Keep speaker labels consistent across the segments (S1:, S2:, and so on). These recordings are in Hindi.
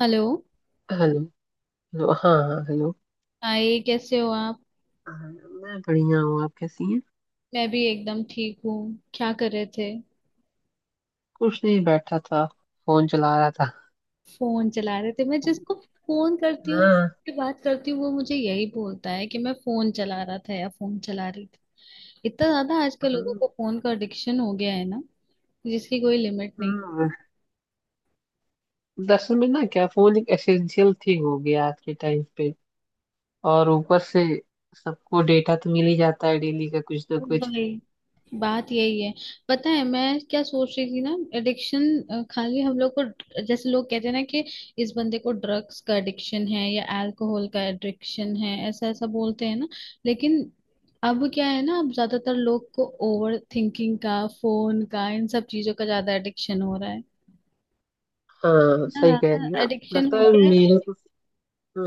S1: हेलो।
S2: हेलो। हेलो। हाँ हाँ, हेलो।
S1: हाय, कैसे हो आप?
S2: हाँ, मैं बढ़िया हूँ। आप कैसी हैं?
S1: मैं भी एकदम ठीक हूँ। क्या कर रहे थे?
S2: कुछ नहीं, बैठा था। फोन चला रहा था।
S1: फोन चला रहे थे। मैं जिसको फोन करती हूँ
S2: हाँ।
S1: की बात करती हूँ, वो मुझे यही बोलता है कि मैं फोन चला रहा था या फोन चला रही थी। इतना ज्यादा आजकल
S2: हाँ।
S1: लोगों को फोन का एडिक्शन हो गया है ना, जिसकी कोई लिमिट नहीं।
S2: हाँ। दरअसल में ना, क्या फोन एक एसेंशियल थिंग हो गया आज के टाइम पे। और ऊपर से सबको डेटा तो मिल ही जाता है, डेली का कुछ ना कुछ।
S1: भाई, बात यही है। पता है मैं क्या सोच रही थी ना, एडिक्शन खाली हम लोग को, जैसे लोग कहते हैं ना कि इस बंदे को ड्रग्स का एडिक्शन है या अल्कोहल का एडिक्शन है, ऐसा ऐसा बोलते हैं ना। लेकिन अब क्या है ना, अब ज्यादातर लोग को ओवर थिंकिंग का, फोन का, इन सब चीजों का ज्यादा एडिक्शन हो रहा है।
S2: हाँ,
S1: इतना
S2: सही कह
S1: ज्यादा
S2: रही हैं आप,
S1: एडिक्शन
S2: लगता
S1: हो
S2: है
S1: गया है
S2: मेरे को।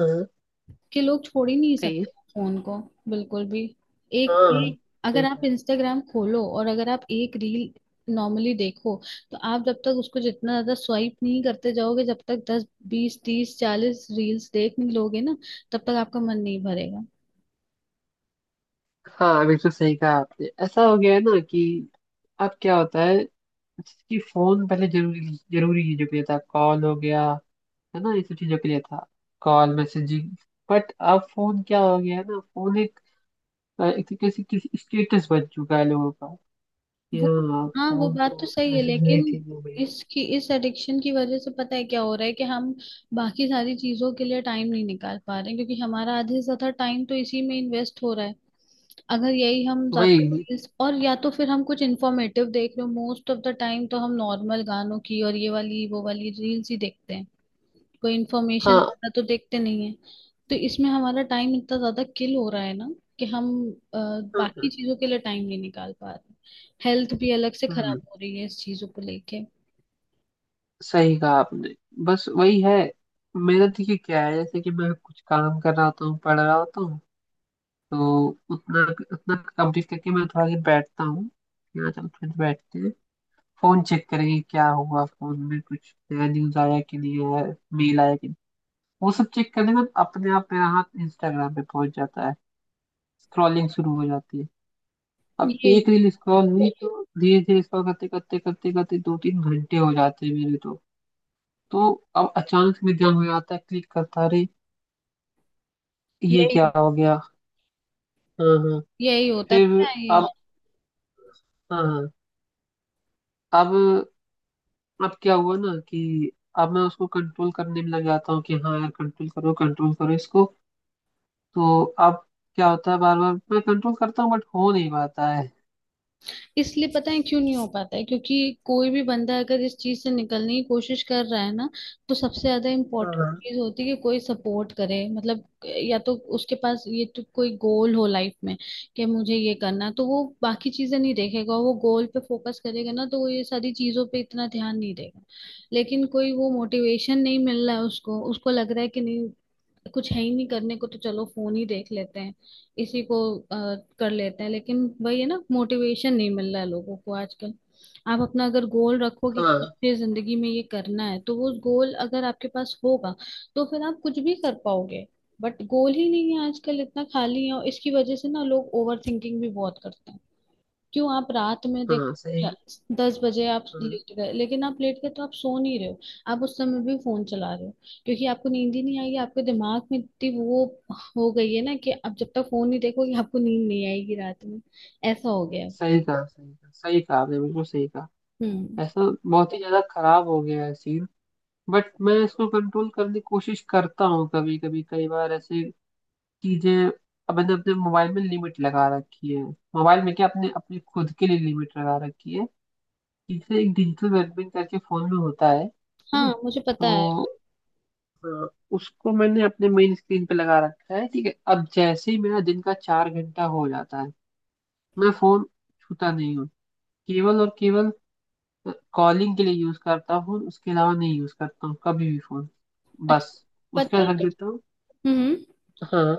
S2: हाँ,
S1: कि लोग छोड़ ही नहीं
S2: कहिए।
S1: सकते फोन को, बिल्कुल भी। एक
S2: हाँ,
S1: एक, अगर
S2: सही
S1: आप
S2: कह।
S1: इंस्टाग्राम खोलो और अगर आप एक रील नॉर्मली देखो, तो आप जब तक उसको, जितना ज्यादा स्वाइप नहीं करते जाओगे, जब तक 10 20 30 40 रील्स देख नहीं लोगे ना, तब तक आपका मन नहीं भरेगा।
S2: हाँ, बिल्कुल सही कहा आपने। ऐसा हो गया है ना कि अब क्या होता है कि फोन पहले जरूरी जरूरी चीजों के लिए था, कॉल हो गया, है ना, ये सब चीजों के लिए था। Call, messaging. बट अब फोन क्या हो गया है ना, फोन एक तरीके से किसी स्टेटस बन चुका है लोगों का। कि
S1: वो,
S2: हाँ,
S1: हाँ वो
S2: फोन
S1: बात तो
S2: तो
S1: सही है, लेकिन
S2: नेसेसरी चीज हो गई है।
S1: इसकी इस एडिक्शन की वजह से पता है क्या हो रहा है कि हम बाकी सारी चीजों के लिए टाइम नहीं निकाल पा रहे हैं, क्योंकि हमारा आधे से ज्यादा टाइम तो इसी में इन्वेस्ट हो रहा है। अगर यही हम ज्यादा
S2: वही।
S1: और या तो फिर हम कुछ इंफॉर्मेटिव देख रहे हो, मोस्ट ऑफ द टाइम तो हम नॉर्मल गानों की और ये वाली वो वाली रील्स ही देखते हैं। कोई इंफॉर्मेशन
S2: हाँ
S1: ज्यादा तो देखते नहीं है। तो इसमें हमारा टाइम इतना ज्यादा किल हो रहा है ना, कि हम अ,
S2: हाँ,
S1: बाकी
S2: हाँ।
S1: चीजों के लिए टाइम नहीं निकाल पा रहे। हेल्थ भी अलग से
S2: हम्म।
S1: खराब हो रही है इस चीजों को लेके।
S2: सही कहा आपने। बस वही है। मेरा देखिए क्या है, जैसे कि मैं कुछ काम कर रहा होता हूँ, पढ़ रहा होता हूँ। तो उतना उतना कंप्लीट करके मैं थोड़ा देर बैठता हूँ। यहाँ चल, फिर बैठते हैं। फोन चेक करेंगे, क्या हुआ फोन में, कुछ नया न्यूज आया कि नहीं आया। मेल आया कि नहीं। वो सब चेक करने में अपने आप मेरा हाथ इंस्टाग्राम पे पहुंच जाता है। स्क्रॉलिंग शुरू हो जाती है। अब
S1: ये
S2: एक रील स्क्रॉल हुई तो धीरे धीरे स्क्रॉल करते करते करते करते 2-3 घंटे हो जाते हैं मेरे तो। तो अब अचानक से मेरे ध्यान में आता है, क्लिक करता, अरे, ये
S1: यही
S2: क्या हो गया। हाँ हाँ।
S1: यही होता है,
S2: फिर।
S1: पता है।
S2: अब। हाँ हाँ। अब अब क्या हुआ ना, कि अब मैं उसको कंट्रोल करने में लग जाता हूँ कि हाँ यार, कंट्रोल करो, कंट्रोल करो इसको। तो अब क्या होता है, बार बार मैं कंट्रोल करता हूँ बट हो नहीं पाता है।
S1: इसलिए पता है क्यों नहीं हो पाता है, क्योंकि कोई भी बंदा अगर इस चीज से निकलने की कोशिश कर रहा है ना, तो सबसे ज्यादा इम्पोर्टेंट
S2: हाँ
S1: चीज होती है कि कोई सपोर्ट करे, मतलब या तो उसके पास ये तो कोई गोल हो लाइफ में कि मुझे ये करना है, तो वो बाकी चीजें नहीं देखेगा, वो गोल पे फोकस करेगा ना, तो वो ये सारी चीजों पे इतना ध्यान नहीं देगा। लेकिन कोई वो मोटिवेशन नहीं मिल रहा है उसको, उसको लग रहा है कि नहीं, कुछ है ही नहीं करने को, तो चलो फोन ही देख लेते हैं, इसी को कर लेते हैं। लेकिन वही है ना, मोटिवेशन नहीं मिल रहा है लोगों को आजकल। आप अपना अगर गोल रखोगे कि
S2: हाँ।
S1: मुझे जिंदगी में ये करना है, तो वो गोल अगर आपके पास होगा, तो फिर आप कुछ भी कर पाओगे। बट गोल ही नहीं है आजकल, इतना खाली है, और इसकी वजह से ना लोग ओवर थिंकिंग भी बहुत करते हैं। क्यों? आप रात में देख
S2: हाँ
S1: क्या-
S2: सही।
S1: 10 बजे आप
S2: हाँ,
S1: लेट गए, लेकिन आप लेट गए तो आप सो नहीं रहे हो। आप उस समय भी फोन चला रहे हो, क्योंकि आपको नींद ही नहीं आई है, आपके दिमाग में इतनी वो हो गई है ना, कि आप जब तक फोन नहीं देखोगे आपको नींद नहीं आएगी रात में। ऐसा हो गया है।
S2: सही कहा, सही कहा, सही कहा आपने, बिल्कुल सही कहा।
S1: हम्म।
S2: ऐसा बहुत ही ज्यादा खराब हो गया है सीन। बट मैं इसको कंट्रोल करने की कोशिश करता हूँ कभी कभी कई बार, ऐसे चीजें। अब मैंने अपने मोबाइल में लिमिट लगा रखी है, मोबाइल में क्या, अपने अपने खुद के लिए लिमिट लगा रखी है। इसे एक डिजिटल वेलबींग करके फोन में होता है ना,
S1: हाँ मुझे पता है।
S2: तो अ, उसको मैंने अपने मेन स्क्रीन पे लगा रखा है। ठीक है, अब जैसे ही मेरा दिन का 4 घंटा हो जाता है, मैं फोन छूता नहीं हूँ। केवल और केवल कॉलिंग के लिए यूज करता हूँ, उसके अलावा नहीं यूज करता हूँ कभी भी फोन,
S1: अच्छा।
S2: बस। उसके
S1: पता
S2: बाद
S1: है।
S2: रख देता हूँ।
S1: हम्म।
S2: हाँ,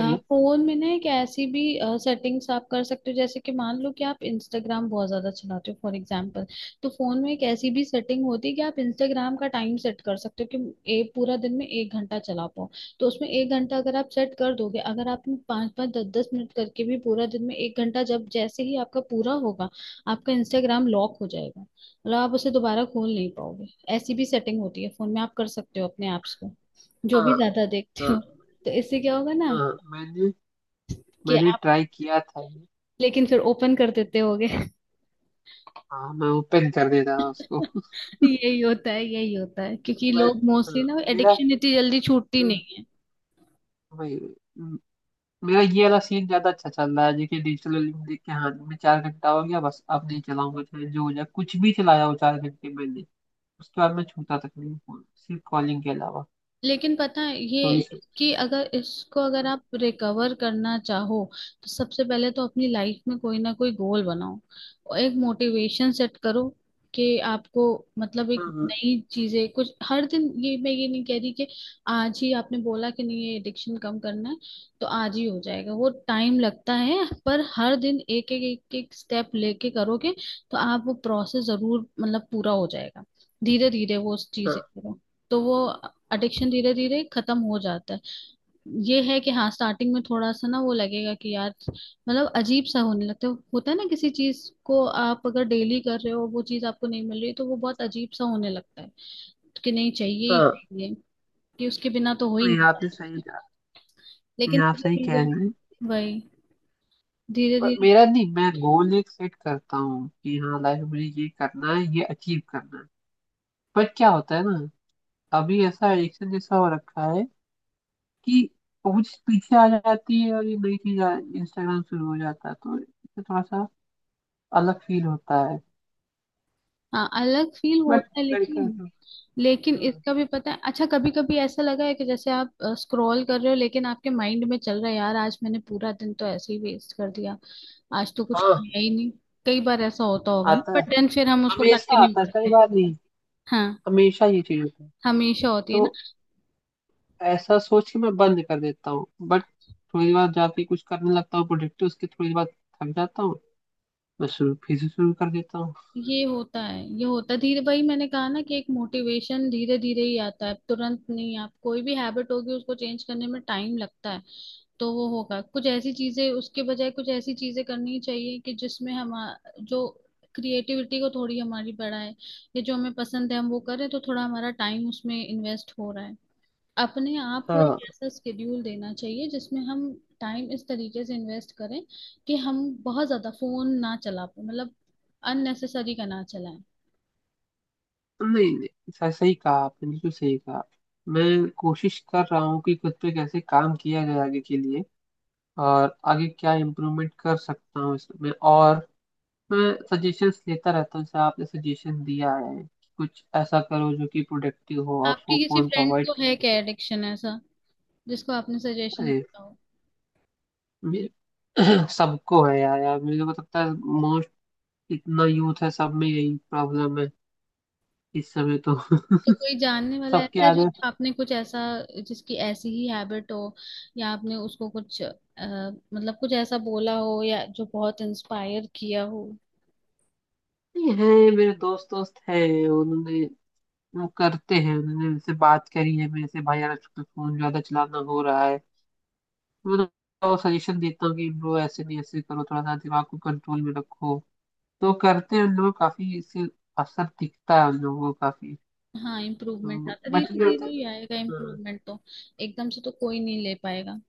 S1: फोन में ना एक ऐसी भी सेटिंग्स आप कर सकते हो, जैसे कि मान लो कि आप इंस्टाग्राम बहुत ज्यादा चलाते हो फॉर एग्जांपल, तो फोन में एक ऐसी भी सेटिंग होती है कि आप इंस्टाग्राम का टाइम सेट कर सकते हो कि एक पूरा दिन में 1 घंटा चला पाओ। तो उसमें 1 घंटा अगर आप सेट कर दोगे, अगर आपने 5 5 10 10 मिनट करके भी पूरा दिन में एक घंटा, जब जैसे ही आपका पूरा होगा, आपका इंस्टाग्राम लॉक हो जाएगा, मतलब आप उसे दोबारा खोल नहीं पाओगे। ऐसी भी सेटिंग होती है फोन में, आप कर सकते हो अपने ऐप्स को, जो भी
S2: हाँ
S1: ज्यादा देखते
S2: हाँ।
S1: हो। तो इससे क्या होगा ना
S2: हाँ, मैंने
S1: कि
S2: मैंने
S1: आप,
S2: ट्राई किया था ये।
S1: लेकिन फिर ओपन कर देते होगे
S2: हाँ, मैं ओपन कर देता था उसको।
S1: यही होता है, यही होता है, क्योंकि
S2: बट
S1: लोग
S2: हाँ।
S1: मोस्टली ना
S2: मेरा,
S1: एडिक्शन इतनी जल्दी छूटती नहीं।
S2: भाई, म- मेरा ये वाला सीन ज्यादा अच्छा चल रहा है, देखिए। डिजिटल लिमिट देख के, हाँ, मैं 4 घंटा हो गया बस, अब नहीं चलाऊंगा चाहे जो हो जाए, कुछ भी चलाया हो, 4 घंटे मैंने। उसके बाद मैं छूता तक नहीं फोन, सिर्फ कॉलिंग के अलावा।
S1: लेकिन पता है
S2: तो
S1: ये,
S2: ये।
S1: कि अगर इसको, अगर आप रिकवर करना चाहो, तो सबसे पहले तो अपनी लाइफ में कोई ना कोई गोल बनाओ और एक मोटिवेशन सेट करो कि आपको, मतलब एक
S2: हाँ
S1: नई चीजें कुछ हर दिन। ये मैं ये नहीं कह रही कि आज ही आपने बोला कि नहीं, ये एडिक्शन कम करना है तो आज ही हो जाएगा, वो टाइम लगता है। पर हर दिन एक एक एक एक स्टेप लेके करोगे, तो आप वो प्रोसेस जरूर, मतलब, पूरा हो जाएगा। धीरे धीरे वो
S2: हाँ,
S1: चीजें करो, तो वो एडिक्शन धीरे धीरे खत्म हो जाता है। ये है कि हाँ, स्टार्टिंग में थोड़ा सा ना वो लगेगा कि यार मतलब अजीब सा होने लगता है। होता है ना, किसी चीज को आप अगर डेली कर रहे हो वो चीज आपको नहीं मिल रही, तो वो बहुत अजीब सा होने लगता है, कि नहीं, चाहिए ही
S2: हाँ।
S1: चाहिए, कि उसके बिना तो हो ही
S2: नहीं,
S1: नहीं
S2: आपने
S1: पाए।
S2: सही कहा। नहीं,
S1: लेकिन
S2: आप
S1: धीरे
S2: सही कह
S1: धीरे,
S2: रहे हैं।
S1: वही, धीरे
S2: बट
S1: धीरे।
S2: मेरा नहीं, मैं गोल एक सेट करता हूँ कि हाँ, लाइफ में ये करना है, ये अचीव करना है। बट क्या होता है ना, अभी ऐसा एडिक्शन जैसा हो रखा है कि पहुंच पीछे आ जाती है और ये नई चीज इंस्टाग्राम शुरू हो जाता है, तो इससे थोड़ा सा अलग फील होता है।
S1: हाँ अलग फील
S2: बट
S1: होता है,
S2: लड़का।
S1: लेकिन लेकिन
S2: हाँ
S1: इसका भी पता है, अच्छा, कभी कभी ऐसा लगा है कि जैसे आप स्क्रॉल कर रहे हो, लेकिन आपके माइंड में चल रहा है यार आज मैंने पूरा दिन तो ऐसे ही वेस्ट कर दिया, आज तो कुछ
S2: हाँ।
S1: किया ही नहीं। कई बार ऐसा होता होगा ना,
S2: आता है,
S1: बट देन फिर हम उसको
S2: हमेशा
S1: कंटिन्यू
S2: आता है, कई
S1: करते हैं।
S2: बार नहीं,
S1: हाँ।
S2: हमेशा ये चीज होता है।
S1: हमेशा होती है ना।
S2: तो ऐसा सोच के मैं बंद कर देता हूँ बट थोड़ी देर बाद जाके कुछ करने लगता हूँ प्रोडक्टिव। उसके थोड़ी देर बाद थक जाता हूँ, मैं शुरू, फिर से शुरू कर देता हूँ।
S1: ये होता है, ये होता है, धीरे भाई, मैंने कहा ना कि एक मोटिवेशन धीरे धीरे ही आता है, तुरंत नहीं। आप कोई भी हैबिट होगी उसको चेंज करने में टाइम लगता है। तो वो होगा कुछ ऐसी चीजें, उसके बजाय कुछ ऐसी चीजें करनी चाहिए कि जिसमें हम, जो क्रिएटिविटी को थोड़ी हमारी बढ़ाए, या जो हमें पसंद है हम वो करें, तो थोड़ा हमारा टाइम उसमें इन्वेस्ट हो रहा है। अपने आप को
S2: हाँ।
S1: एक ऐसा स्केड्यूल देना चाहिए जिसमें हम टाइम इस तरीके से इन्वेस्ट करें, कि हम बहुत ज्यादा फोन ना चला पाए, मतलब अननेसेसरी का ना चलाएं।
S2: नहीं नहीं, सही, सही कहा आपने, बिल्कुल सही कहा। मैं कोशिश कर रहा हूँ कि खुद पे कैसे काम किया जाए आगे के लिए, और आगे क्या इम्प्रूवमेंट कर सकता हूँ इसमें, और मैं सजेशंस लेता रहता हूँ, जैसे आपने सजेशन दिया है कि कुछ ऐसा करो जो कि प्रोडक्टिव हो और
S1: आपके
S2: वो
S1: किसी
S2: फोन को
S1: फ्रेंड
S2: अवॉइड
S1: को
S2: कर
S1: है
S2: सके।
S1: क्या एडिक्शन ऐसा जिसको आपने सजेशन
S2: अरे,
S1: दिया हो?
S2: मे- सबको है यार, यार मुझे को लगता है मोस्ट, इतना यूथ है, सब में यही प्रॉब्लम है इस समय तो।
S1: तो कोई जानने वाला
S2: सबके
S1: ऐसा है
S2: आगे
S1: जिसको आपने कुछ ऐसा, जिसकी ऐसी ही हैबिट हो, या आपने उसको कुछ मतलब कुछ ऐसा बोला हो, या जो बहुत इंस्पायर किया हो?
S2: है। मेरे दोस्त दोस्त है, उन्होंने, वो करते हैं, उन्होंने मेरे से बात करी है मेरे से, भाई यार फोन ज्यादा चलाना हो रहा है। वो तो सजेशन देता हूँ कि ब्रो, ऐसे नहीं, ऐसे करो, थोड़ा सा दिमाग को कंट्रोल में रखो। तो करते हैं उन लोग, काफी इससे असर दिखता है उन लोगों को काफी।
S1: हाँ, इम्प्रूवमेंट
S2: तो
S1: आता,
S2: बट
S1: धीरे
S2: ये होता
S1: धीरे
S2: है
S1: ही आएगा
S2: ना, हाँ।
S1: इम्प्रूवमेंट तो, एकदम से तो कोई नहीं ले पाएगा।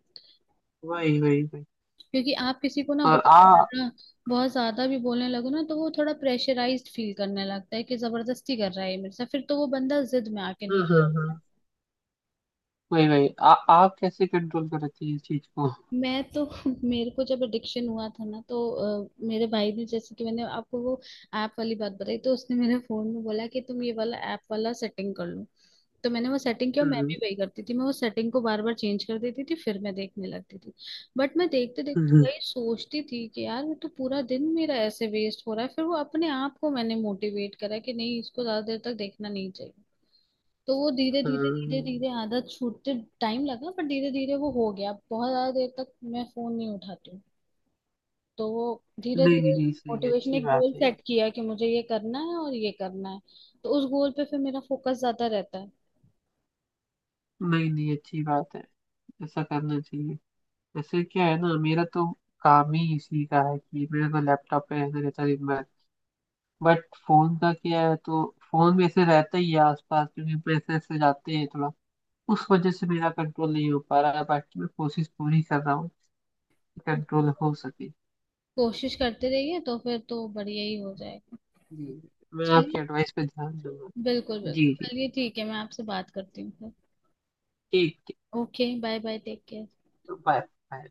S2: वही वही वही।
S1: क्योंकि आप किसी को ना
S2: और आ हाँ।
S1: बहुत ज्यादा भी बोलने लगो ना, तो वो थोड़ा प्रेशराइज्ड फील करने लगता है कि जबरदस्ती कर रहा है ये मेरे साथ, फिर तो वो बंदा जिद में आके
S2: हाँ
S1: नहीं
S2: हाँ।
S1: छोड़ता।
S2: वही वही, आ आप कैसे कंट्रोल करती है इस चीज को?
S1: मैं तो मेरे को जब एडिक्शन हुआ था ना, तो मेरे भाई ने, जैसे कि मैंने आपको वो ऐप वाली बात बताई, तो उसने मेरे फोन में बोला कि तुम ये वाला ऐप वाला सेटिंग कर लो। तो मैंने वो सेटिंग किया। मैं
S2: हम्म।
S1: भी वही करती थी, मैं वो सेटिंग को बार बार चेंज कर देती थी, फिर मैं देखने लगती थी। बट मैं देखते देखते
S2: हम्म।
S1: वही सोचती थी कि यार ये तो पूरा दिन मेरा ऐसे वेस्ट हो रहा है, फिर वो अपने आप को मैंने मोटिवेट करा कि नहीं, इसको ज्यादा देर तक देखना नहीं चाहिए। तो वो धीरे धीरे धीरे
S2: हाँ।
S1: धीरे आदत छूटते, टाइम लगा पर धीरे धीरे वो हो गया, बहुत ज्यादा देर तक मैं फोन नहीं उठाती हूँ। तो वो, धीरे
S2: नहीं नहीं
S1: धीरे,
S2: नहीं, सही है,
S1: मोटिवेशन
S2: अच्छी
S1: एक
S2: बात
S1: गोल
S2: है ये।
S1: सेट किया कि मुझे ये करना है और ये करना है, तो उस गोल पे फिर मेरा फोकस ज्यादा रहता है।
S2: नहीं नहीं, अच्छी बात है। ऐसा करना चाहिए। जैसे क्या है ना, मेरा तो काम ही इसी का है कि मेरे को लैपटॉप पे ऐसे रहता है दिन भर। बट फोन का क्या है, तो फोन भी ऐसे रहता ही है आसपास, क्योंकि पैसे ऐसे जाते हैं थोड़ा, उस वजह से मेरा कंट्रोल नहीं हो पा रहा है। बाकी मैं कोशिश पूरी कर रहा हूँ कि कंट्रोल हो सके।
S1: कोशिश करते रहिए तो फिर तो बढ़िया ही हो जाएगा।
S2: जी, मैं आपकी
S1: चलिए,
S2: एडवाइस पे ध्यान दूंगा।
S1: बिल्कुल
S2: जी
S1: बिल्कुल,
S2: जी,
S1: चलिए ठीक है, मैं आपसे बात करती हूँ फिर।
S2: ठीक ठीक।
S1: Okay, bye bye, take care.
S2: Bye bye.